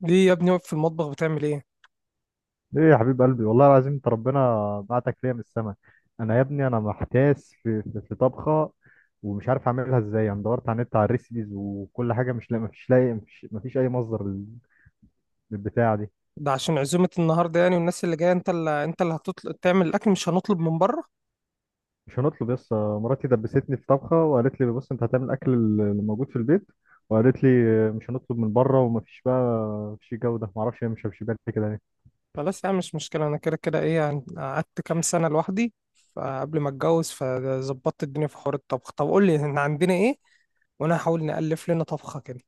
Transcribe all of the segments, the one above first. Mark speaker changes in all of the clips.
Speaker 1: ليه يا ابني واقف في المطبخ بتعمل ايه؟
Speaker 2: ايه يا حبيب قلبي، والله العظيم انت ربنا بعتك ليا من السما. انا يا ابني انا محتاس في طبخه، ومش عارف اعملها ازاي. انا دورت على النت على الريسيبيز وكل حاجه مش لاقي مفيش، مفيش اي مصدر للبتاعه دي.
Speaker 1: ده عشان عزومة النهاردة يعني، والناس اللي جاية انت اللي هتطلب تعمل الاكل، مش هنطلب من بره.
Speaker 2: مش هنطلب يس. مراتي دبستني في طبخه وقالت لي بص انت هتعمل الاكل اللي موجود في البيت، وقالت لي مش هنطلب من بره، ومفيش بقى مفيش جوده. معرفش هي مش بالي كده ليه.
Speaker 1: خلاص، يعني مش مشكلة، انا كده كده ايه يعني، قعدت كام سنة لوحدي. فقبل ما اتجوز فظبطت الدنيا في حوار الطبخ. طب قول لي، احنا عندنا ايه؟ وانا هحاول نألف لنا طبخة كده.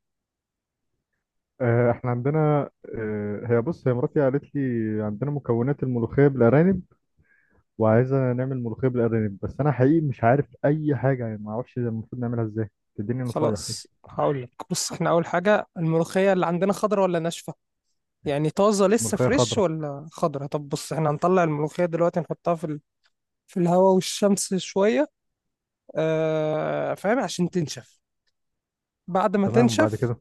Speaker 2: احنا عندنا. هي بص، هي مراتي قالت لي عندنا مكونات الملوخيه بالارانب، وعايزة نعمل ملوخية بالأرانب. بس أنا حقيقي مش عارف أي حاجة، يعني ما أعرفش المفروض نعملها إزاي. تديني نصايح كده.
Speaker 1: خلاص، هقول لك. بص، احنا اول حاجة الملوخية اللي عندنا خضرة ولا ناشفة؟ يعني طازة لسه
Speaker 2: ملوخية
Speaker 1: فريش
Speaker 2: خضراء.
Speaker 1: ولا خضرة؟ طب بص، احنا هنطلع الملوخية دلوقتي نحطها في الهواء والشمس شوية. آه، فاهم، عشان تنشف. بعد ما
Speaker 2: تمام، وبعد
Speaker 1: تنشف،
Speaker 2: كده.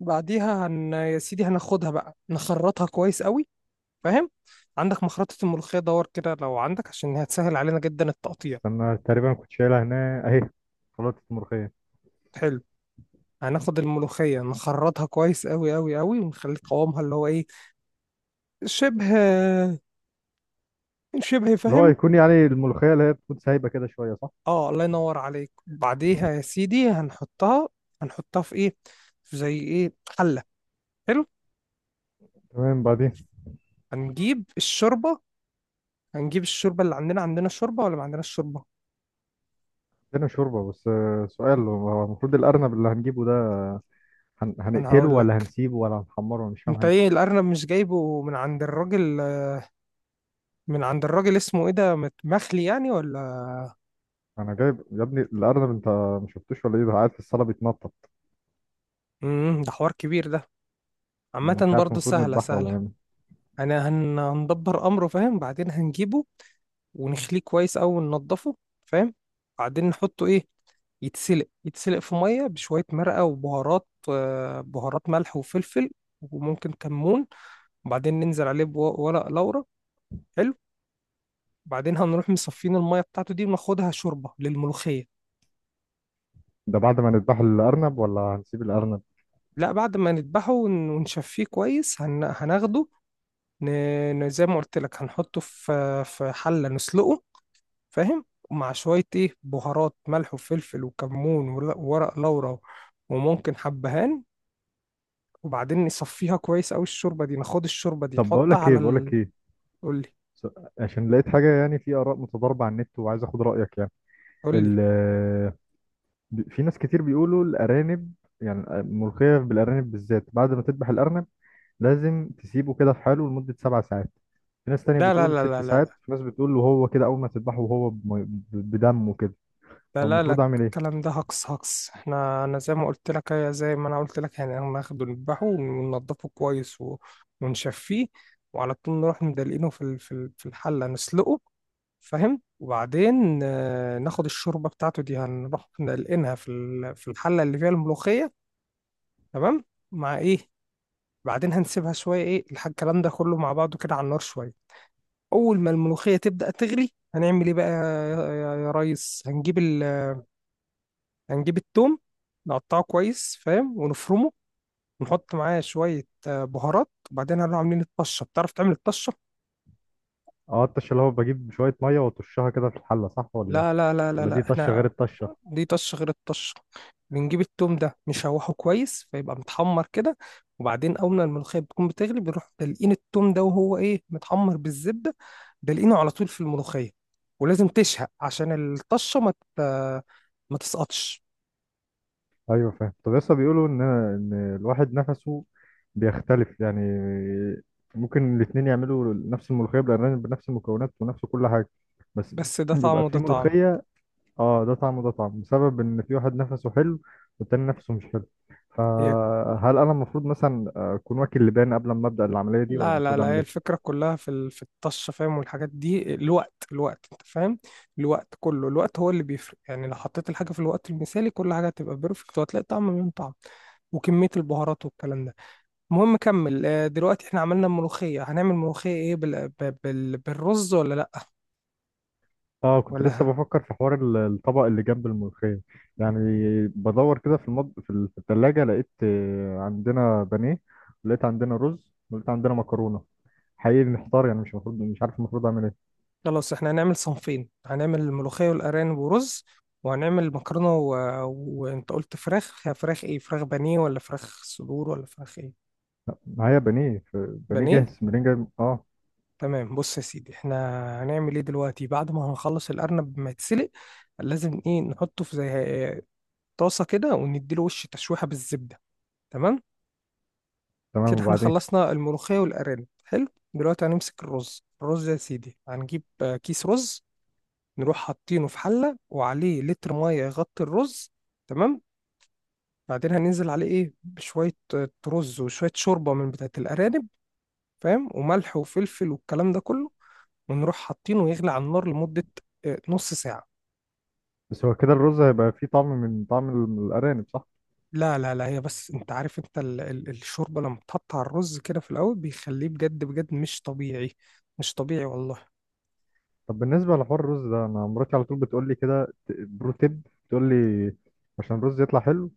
Speaker 1: بعديها يا سيدي هناخدها بقى نخرطها كويس قوي. فاهم؟ عندك مخرطة الملوخية؟ دور كده لو عندك، عشان هتسهل علينا جدا التقطيع.
Speaker 2: استنى، تقريبا كنت شايلها هنا أهي. خلطة الملوخية.
Speaker 1: حلو. هناخد الملوخية نخرطها كويس قوي قوي قوي، ونخلي قوامها اللي هو ايه، شبه، شبه.
Speaker 2: اللي هو
Speaker 1: فاهم؟
Speaker 2: يكون يعني الملوخية اللي هي تكون سايبة كده شوية، صح؟
Speaker 1: اه الله ينور عليك. بعديها يا سيدي هنحطها في ايه، في زي ايه، حلة؟ حلو.
Speaker 2: تمام بعدين.
Speaker 1: هنجيب الشوربة هنجيب الشوربة اللي عندنا الشوربة، ولا ما عندناش شوربة؟
Speaker 2: هنا شوربة. بس سؤال، هو المفروض الأرنب اللي هنجيبه ده
Speaker 1: انا
Speaker 2: هنقتله
Speaker 1: هقول
Speaker 2: ولا
Speaker 1: لك.
Speaker 2: هنسيبه ولا هنحمره؟ أنا مش فاهم
Speaker 1: انت
Speaker 2: حاجة.
Speaker 1: ايه، الارنب مش جايبه من عند الراجل؟ من عند الراجل اسمه ايه ده، مخلي يعني ولا؟
Speaker 2: أنا جايب يا ابني الأرنب، أنت ما شفتوش ولا إيه؟ ده قاعد في الصالة بيتنطط.
Speaker 1: ده حوار كبير ده.
Speaker 2: أنا مش
Speaker 1: عامة
Speaker 2: عارف
Speaker 1: برضه
Speaker 2: المفروض
Speaker 1: سهلة
Speaker 2: نذبحه ولا
Speaker 1: سهلة.
Speaker 2: نعمل.
Speaker 1: انا هندبر امره. فاهم؟ بعدين هنجيبه ونخليه كويس اوي وننضفه. فاهم؟ بعدين نحطه ايه؟ يتسلق في مية بشوية مرقة وبهارات، بهارات ملح وفلفل، وممكن كمون. وبعدين ننزل عليه بورق لورا. حلو. وبعدين هنروح مصفين المية بتاعته دي وناخدها شوربة للملوخية.
Speaker 2: ده بعد ما نذبح الأرنب ولا هنسيب الأرنب؟
Speaker 1: لا، بعد ما نذبحه ونشفيه كويس هناخده. ن... زي ما قلت لك، هنحطه في حلة نسلقه. فاهم؟ ومع شوية ايه، بهارات، ملح وفلفل وكمون وورق لورا، وممكن حبهان. وبعدين نصفيها كويس أوي الشوربة دي، ناخد الشوربة دي
Speaker 2: طب بقول
Speaker 1: نحطها
Speaker 2: لك ايه، بقول لك ايه.
Speaker 1: قولي،
Speaker 2: س- عشان لقيت حاجه، يعني في اراء متضاربه على النت وعايز اخد رايك يعني.
Speaker 1: قولي.
Speaker 2: ال- في ناس كتير بيقولوا الارانب، يعني الملوخيه بالارانب بالذات بعد ما تذبح الارنب لازم تسيبه كده في حاله لمده 7 ساعات. في ناس تانية
Speaker 1: لا لا
Speaker 2: بتقول ست
Speaker 1: لا لا
Speaker 2: ساعات
Speaker 1: لا
Speaker 2: في ناس بتقول وهو كده اول ما تذبحه وهو بدمه كده.
Speaker 1: لا لا لا.
Speaker 2: فالمفروض اعمل ايه؟
Speaker 1: الكلام ده هقص. انا زي ما انا قلت لك يعني، احنا ناخده نذبحه وننضفه كويس ونشفيه، وعلى طول نروح مدلقينه في الحله نسلقه. فاهم؟ وبعدين ناخد الشوربه بتاعته دي، هنروح نلقينها في الحله اللي فيها الملوخيه. تمام، مع ايه. بعدين هنسيبها شويه ايه، الكلام ده كله مع بعضه كده على النار شويه. اول ما الملوخيه تبدا تغلي هنعمل ايه بقى يا ريس؟ هنجيب التوم، نقطعه كويس، فاهم، ونفرمه، ونحط معاه شوية بهارات، وبعدين هنروح عاملين الطشة. بتعرف تعمل الطشة؟
Speaker 2: اه الطشه اللي هو بجيب شويه ميه واطشها كده في الحله، صح ولا ايه؟
Speaker 1: لا لا لا لا
Speaker 2: ولا دي
Speaker 1: لا،
Speaker 2: طشه غير
Speaker 1: احنا
Speaker 2: الطشه؟
Speaker 1: دي طشة غير الطشة. بنجيب التوم ده نشوحه كويس فيبقى متحمر كده، وبعدين أول ما الملوخية بتكون بتغلي بنروح دلقين التوم ده وهو إيه، متحمر بالزبدة، دلقينه على طول في الملوخية. ولازم تشهق عشان الطشة ما تسقطش.
Speaker 2: ايوه فاهم. طب لسه بيقولوا ان الواحد نفسه بيختلف، يعني ممكن الاتنين يعملوا نفس الملوخيه بالارانب بنفس المكونات ونفس كل حاجه، بس
Speaker 1: بس ده طعم
Speaker 2: بيبقى
Speaker 1: وده
Speaker 2: في
Speaker 1: طعم.
Speaker 2: ملوخيه، اه ده طعم وده طعم، بسبب ان في واحد نفسه حلو والتاني نفسه مش حلو.
Speaker 1: هي
Speaker 2: فهل انا المفروض مثلا اكون واكل لبان قبل ما ابدا العمليه دي، ولا
Speaker 1: لا لا
Speaker 2: المفروض
Speaker 1: لا،
Speaker 2: اعمل
Speaker 1: هي
Speaker 2: ايه؟
Speaker 1: الفكرة كلها في الطشة. فاهم؟ والحاجات دي الوقت، انت فاهم، الوقت كله، الوقت هو اللي بيفرق. يعني لو حطيت الحاجة في الوقت المثالي كل حاجة هتبقى بيرفكت وهتلاقي طعم من طعم، وكمية البهارات والكلام ده. المهم كمل. دلوقتي احنا عملنا ملوخية، هنعمل ملوخية ايه، بالرز ولا لأ؟
Speaker 2: اه كنت لسه
Speaker 1: ولا؟
Speaker 2: بفكر في حوار الطبق اللي جنب الملوخية. يعني بدور كده في التلاجة لقيت عندنا بانيه، ولقيت عندنا رز، ولقيت عندنا مكرونة. حقيقي محتار، يعني مش المفروض، مش عارف المفروض اعمل ايه.
Speaker 1: خلاص، احنا هنعمل صنفين، هنعمل الملوخية والأرانب ورز، وهنعمل مكرونة. وانت قلت فراخ، فراخ ايه، فراخ بانيه ولا فراخ صدور ولا فراخ ايه؟
Speaker 2: معايا بانيه، بانيه
Speaker 1: بانيه.
Speaker 2: جاهز، منين جاي؟ اه
Speaker 1: تمام. بص يا سيدي، احنا هنعمل ايه دلوقتي بعد ما هنخلص الارنب ما يتسلق؟ لازم ايه، نحطه في زي طاسه كده ونديله وش تشويحه بالزبده. تمام.
Speaker 2: تمام
Speaker 1: كده احنا
Speaker 2: وبعدين.
Speaker 1: خلصنا الملوخيه والارانب. حلو. دلوقتي هنمسك الرز. الرز يا سيدي، هنجيب كيس رز، نروح حاطينه في حله وعليه لتر ميه يغطي الرز. تمام. بعدين هننزل عليه ايه، بشويه رز وشويه شوربه من بتاعه الارانب، فاهم، وملح وفلفل والكلام ده كله، ونروح حاطينه يغلي على النار لمدة نص ساعة.
Speaker 2: بس هو كده الرز هيبقى فيه طعم من طعم الارانب، صح؟
Speaker 1: لا لا لا، هي بس انت عارف، انت ال ال الشوربة لما بتحط على الرز كده في الأول بيخليه بجد بجد مش طبيعي. مش طبيعي والله.
Speaker 2: طب بالنسبة لحوار الرز ده، انا مراتي على طول بتقول لي كده برو تيب، بتقول لي عشان الرز يطلع حلو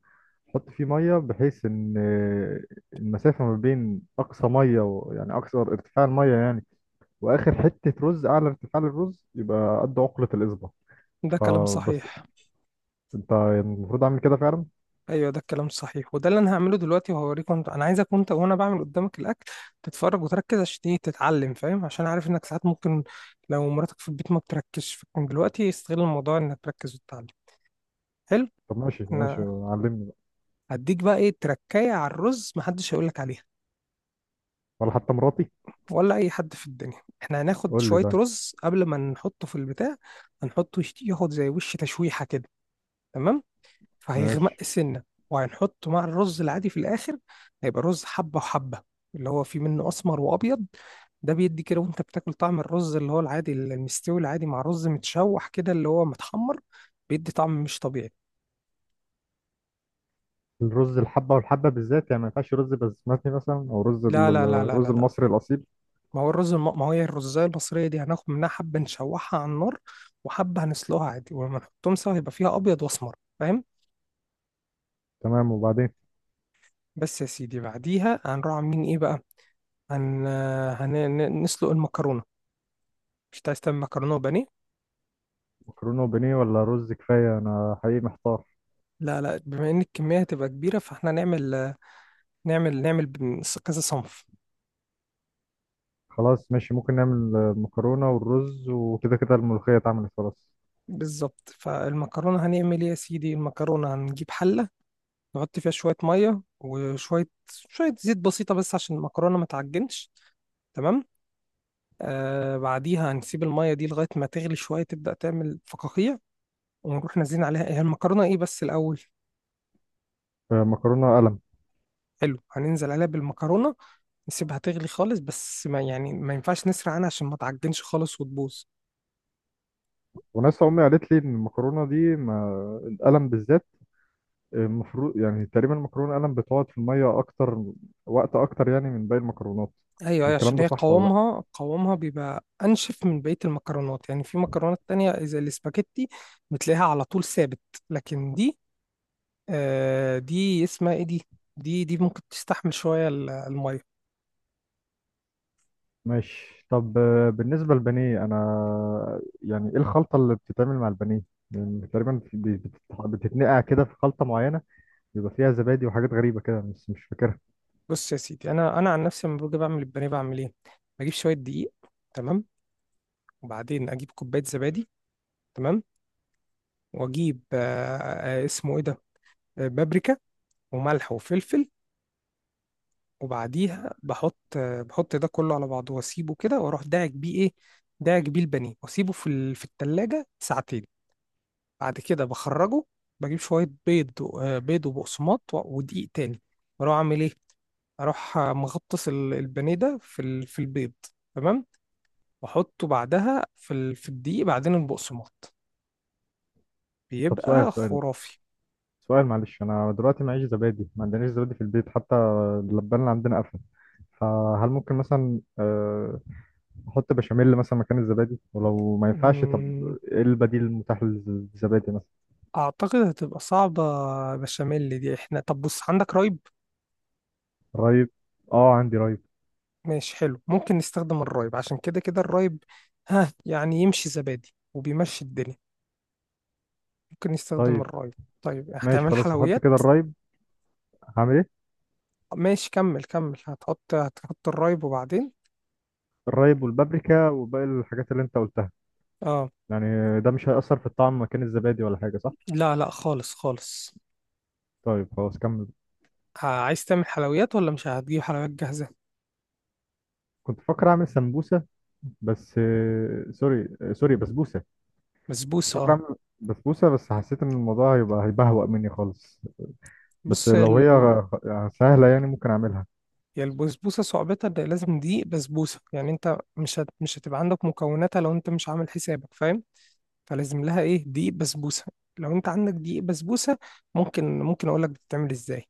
Speaker 2: حط فيه ميه بحيث ان المسافه ما بين اقصى ميه، و... يعني اقصى ارتفاع الميه يعني، واخر حته رز، اعلى ارتفاع للرز يبقى قد عقله الاصبع.
Speaker 1: ده كلام
Speaker 2: فبس،
Speaker 1: صحيح.
Speaker 2: انت المفروض اعمل كده فعلا؟
Speaker 1: ايوه ده الكلام صحيح، وده اللي انا هعمله دلوقتي وهوريك. وانت، انا عايزك وانت وانا بعمل قدامك الاكل، تتفرج وتركز عشان ايه، تتعلم. فاهم؟ عشان عارف انك ساعات ممكن لو مراتك في البيت ما بتركزش، فكان دلوقتي استغل الموضوع انك تركز وتتعلم. حلو.
Speaker 2: طب ماشي ماشي،
Speaker 1: انا
Speaker 2: علمني بقى.
Speaker 1: هديك بقى ايه، تركايه على الرز محدش هيقولك عليها،
Speaker 2: ولا حتى مراتي.
Speaker 1: ولا اي حد في الدنيا. احنا هناخد
Speaker 2: قول لي
Speaker 1: شويه
Speaker 2: ده.
Speaker 1: رز قبل ما نحطه في البتاع، هنحطه ياخد زي وش تشويحه كده. تمام.
Speaker 2: ماشي.
Speaker 1: فهيغمق سنه، وهنحطه مع الرز العادي في الاخر، هيبقى رز حبه وحبه، اللي هو فيه منه اسمر وابيض. ده بيدي كده وانت بتاكل طعم الرز اللي هو العادي المستوي العادي مع رز متشوح كده اللي هو متحمر، بيدي طعم مش طبيعي.
Speaker 2: الرز الحبه والحبه بالذات، يعني ما ينفعش رز بسمتي مثلا او رز
Speaker 1: لا لا لا لا
Speaker 2: الرز
Speaker 1: لا لا.
Speaker 2: المصري الاصيل؟
Speaker 1: ما هي الرزاية المصرية دي، هناخد منها حبة نشوحها على النار، وحبة هنسلقها عادي، ولما نحطهم سوا هيبقى فيها أبيض وأسمر. فاهم؟
Speaker 2: تمام وبعدين.
Speaker 1: بس يا سيدي، بعديها هنروح عاملين إيه بقى؟ هن... هن... نسلق المكرونة. مش عايز تعمل مكرونة وبانيه؟
Speaker 2: مكرونه وبانيه ولا رز كفايه؟ انا حقيقي محتار.
Speaker 1: لا لا، بما إن الكمية هتبقى كبيرة فاحنا نعمل كذا صنف.
Speaker 2: خلاص ماشي، ممكن نعمل مكرونة والرز، وكده كده الملوخية اتعملت خلاص.
Speaker 1: بالظبط. فالمكرونة هنعمل إيه يا سيدي، المكرونة هنجيب حلة، نحط فيها شوية مية وشوية شوية زيت بسيطة، بس عشان المكرونة ما تعجنش. تمام. بعديها هنسيب المية دي لغاية ما تغلي شوية، تبدأ تعمل فقاقيع، ونروح نازلين عليها. هي المكرونة ايه بس الأول؟
Speaker 2: مكرونة قلم.
Speaker 1: حلو، هننزل عليها بالمكرونة، نسيبها تغلي خالص، بس ما يعني ما ينفعش نسرع عنها عشان ما تعجنش خالص وتبوظ.
Speaker 2: وناس أمي قالت لي إن المكرونة دي، ما القلم بالذات، المفروض يعني تقريبا المكرونة قلم بتقعد في المية أكتر، وقت أكتر يعني من باقي المكرونات.
Speaker 1: ايوه ايوه،
Speaker 2: الكلام
Speaker 1: عشان
Speaker 2: ده
Speaker 1: هي
Speaker 2: صح ولا لأ؟
Speaker 1: قوامها بيبقى انشف من بقيه المكرونات، يعني في مكرونات تانية زي الاسباجيتي بتلاقيها على طول ثابت، لكن دي، دي اسمها ايه دي ممكن تستحمل شويه الميه.
Speaker 2: ماشي. طب بالنسبة للبانيه، أنا يعني إيه الخلطة اللي بتتعمل مع البانيه؟ يعني تقريبا بتتنقع كده في خلطة معينة بيبقى فيها زبادي وحاجات غريبة كده، بس مش فاكرها.
Speaker 1: بص يا سيدي، انا عن نفسي لما باجي بعمل البانيه بعمل ايه، بجيب شويه دقيق، تمام، وبعدين اجيب كوبايه زبادي، تمام، واجيب اسمه ايه ده، بابريكا وملح وفلفل، وبعديها بحط ده كله على بعضه واسيبه كده، واروح داعك بيه ايه، داعك بيه البانيه، واسيبه في التلاجة ساعتين. بعد كده بخرجه، بجيب شويه بيض بيض وبقسماط ودقيق تاني، واروح اعمل ايه، اروح مغطس البانيه ده في البيض، تمام، واحطه بعدها في الدقيق، بعدين البقسماط،
Speaker 2: طب سؤال
Speaker 1: بيبقى
Speaker 2: سؤال
Speaker 1: خرافي.
Speaker 2: سؤال، معلش، انا دلوقتي معيش زبادي، ما عندناش زبادي في البيت حتى. اللبان اللي عندنا قفل. فهل ممكن مثلا احط بشاميل مثلا مكان الزبادي؟ ولو ما ينفعش، طب
Speaker 1: مم،
Speaker 2: ايه البديل المتاح للزبادي مثلا؟
Speaker 1: اعتقد هتبقى صعبة. بشاميل دي احنا، طب بص، عندك رايب؟
Speaker 2: رايب. اه عندي رايب.
Speaker 1: ماشي حلو، ممكن نستخدم الرايب، عشان كده كده الرايب، ها يعني يمشي زبادي وبيمشي الدنيا. ممكن نستخدم
Speaker 2: طيب
Speaker 1: الرايب. طيب،
Speaker 2: ماشي،
Speaker 1: هتعمل
Speaker 2: خلاص هحط
Speaker 1: حلويات؟
Speaker 2: كده الرايب. هعمل ايه؟
Speaker 1: ماشي كمل كمل، هتحط الرايب، وبعدين
Speaker 2: الرايب والبابريكا وباقي الحاجات اللي انت قلتها،
Speaker 1: اه.
Speaker 2: يعني ده مش هيأثر في الطعم مكان الزبادي ولا حاجة، صح؟
Speaker 1: لا لا خالص خالص.
Speaker 2: طيب خلاص كمل.
Speaker 1: عايز تعمل حلويات، ولا مش هتجيب حلويات جاهزة؟
Speaker 2: كنت فاكر اعمل سمبوسة، بس سوري، سوري، بسبوسة.
Speaker 1: بسبوسة،
Speaker 2: بفكر
Speaker 1: اه،
Speaker 2: اعمل بسبوسه، بس حسيت ان الموضوع هيبقى هيبهوأ مني خالص. بس
Speaker 1: بص.
Speaker 2: لو هي يعني سهله، يعني ممكن اعملها.
Speaker 1: هي البسبوسه صعوبتها ان لازم دي بسبوسه، يعني انت مش هتبقى عندك مكوناتها لو انت مش عامل حسابك. فاهم؟ فلازم لها ايه، دي بسبوسه. لو انت عندك دي بسبوسه ممكن اقول لك بتتعمل ازاي.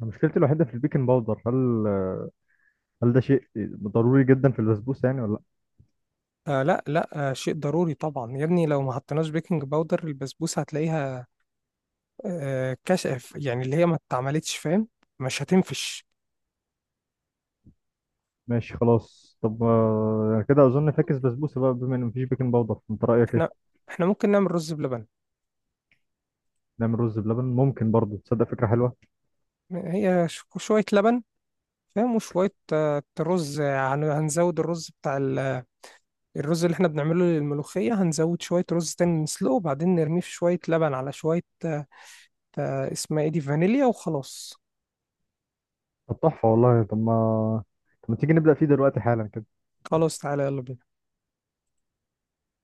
Speaker 2: مشكلتي الوحيده في البيكنج باودر، هل ده شيء ضروري جدا في البسبوسه يعني ولا لا؟
Speaker 1: آه لا لا، شيء ضروري طبعا يا ابني. لو ما حطيناش بيكنج باودر البسبوسه هتلاقيها كشف، يعني اللي هي ما اتعملتش. فاهم؟ مش هتنفش.
Speaker 2: ماشي خلاص. طب يعني كده اظن فاكس بسبوسه بقى، بما ان مفيش بيكنج باودر. انت رايك
Speaker 1: احنا
Speaker 2: ايه؟
Speaker 1: احنا ممكن نعمل رز بلبن.
Speaker 2: نعمل رز بلبن، ممكن برضه، تصدق فكره حلوه.
Speaker 1: هي شويه لبن، فاهم، وشويه رز، يعني هنزود الرز بتاع، الرز اللي احنا بنعمله للملوخية هنزود شوية رز تاني نسلقه، وبعدين نرميه في شوية لبن، على شوية اسمها ايه دي، فانيليا. وخلاص.
Speaker 2: طب تحفه والله. طب ما تيجي نبدا فيه دلوقتي حالا كده.
Speaker 1: خلاص تعالى، يلا بينا.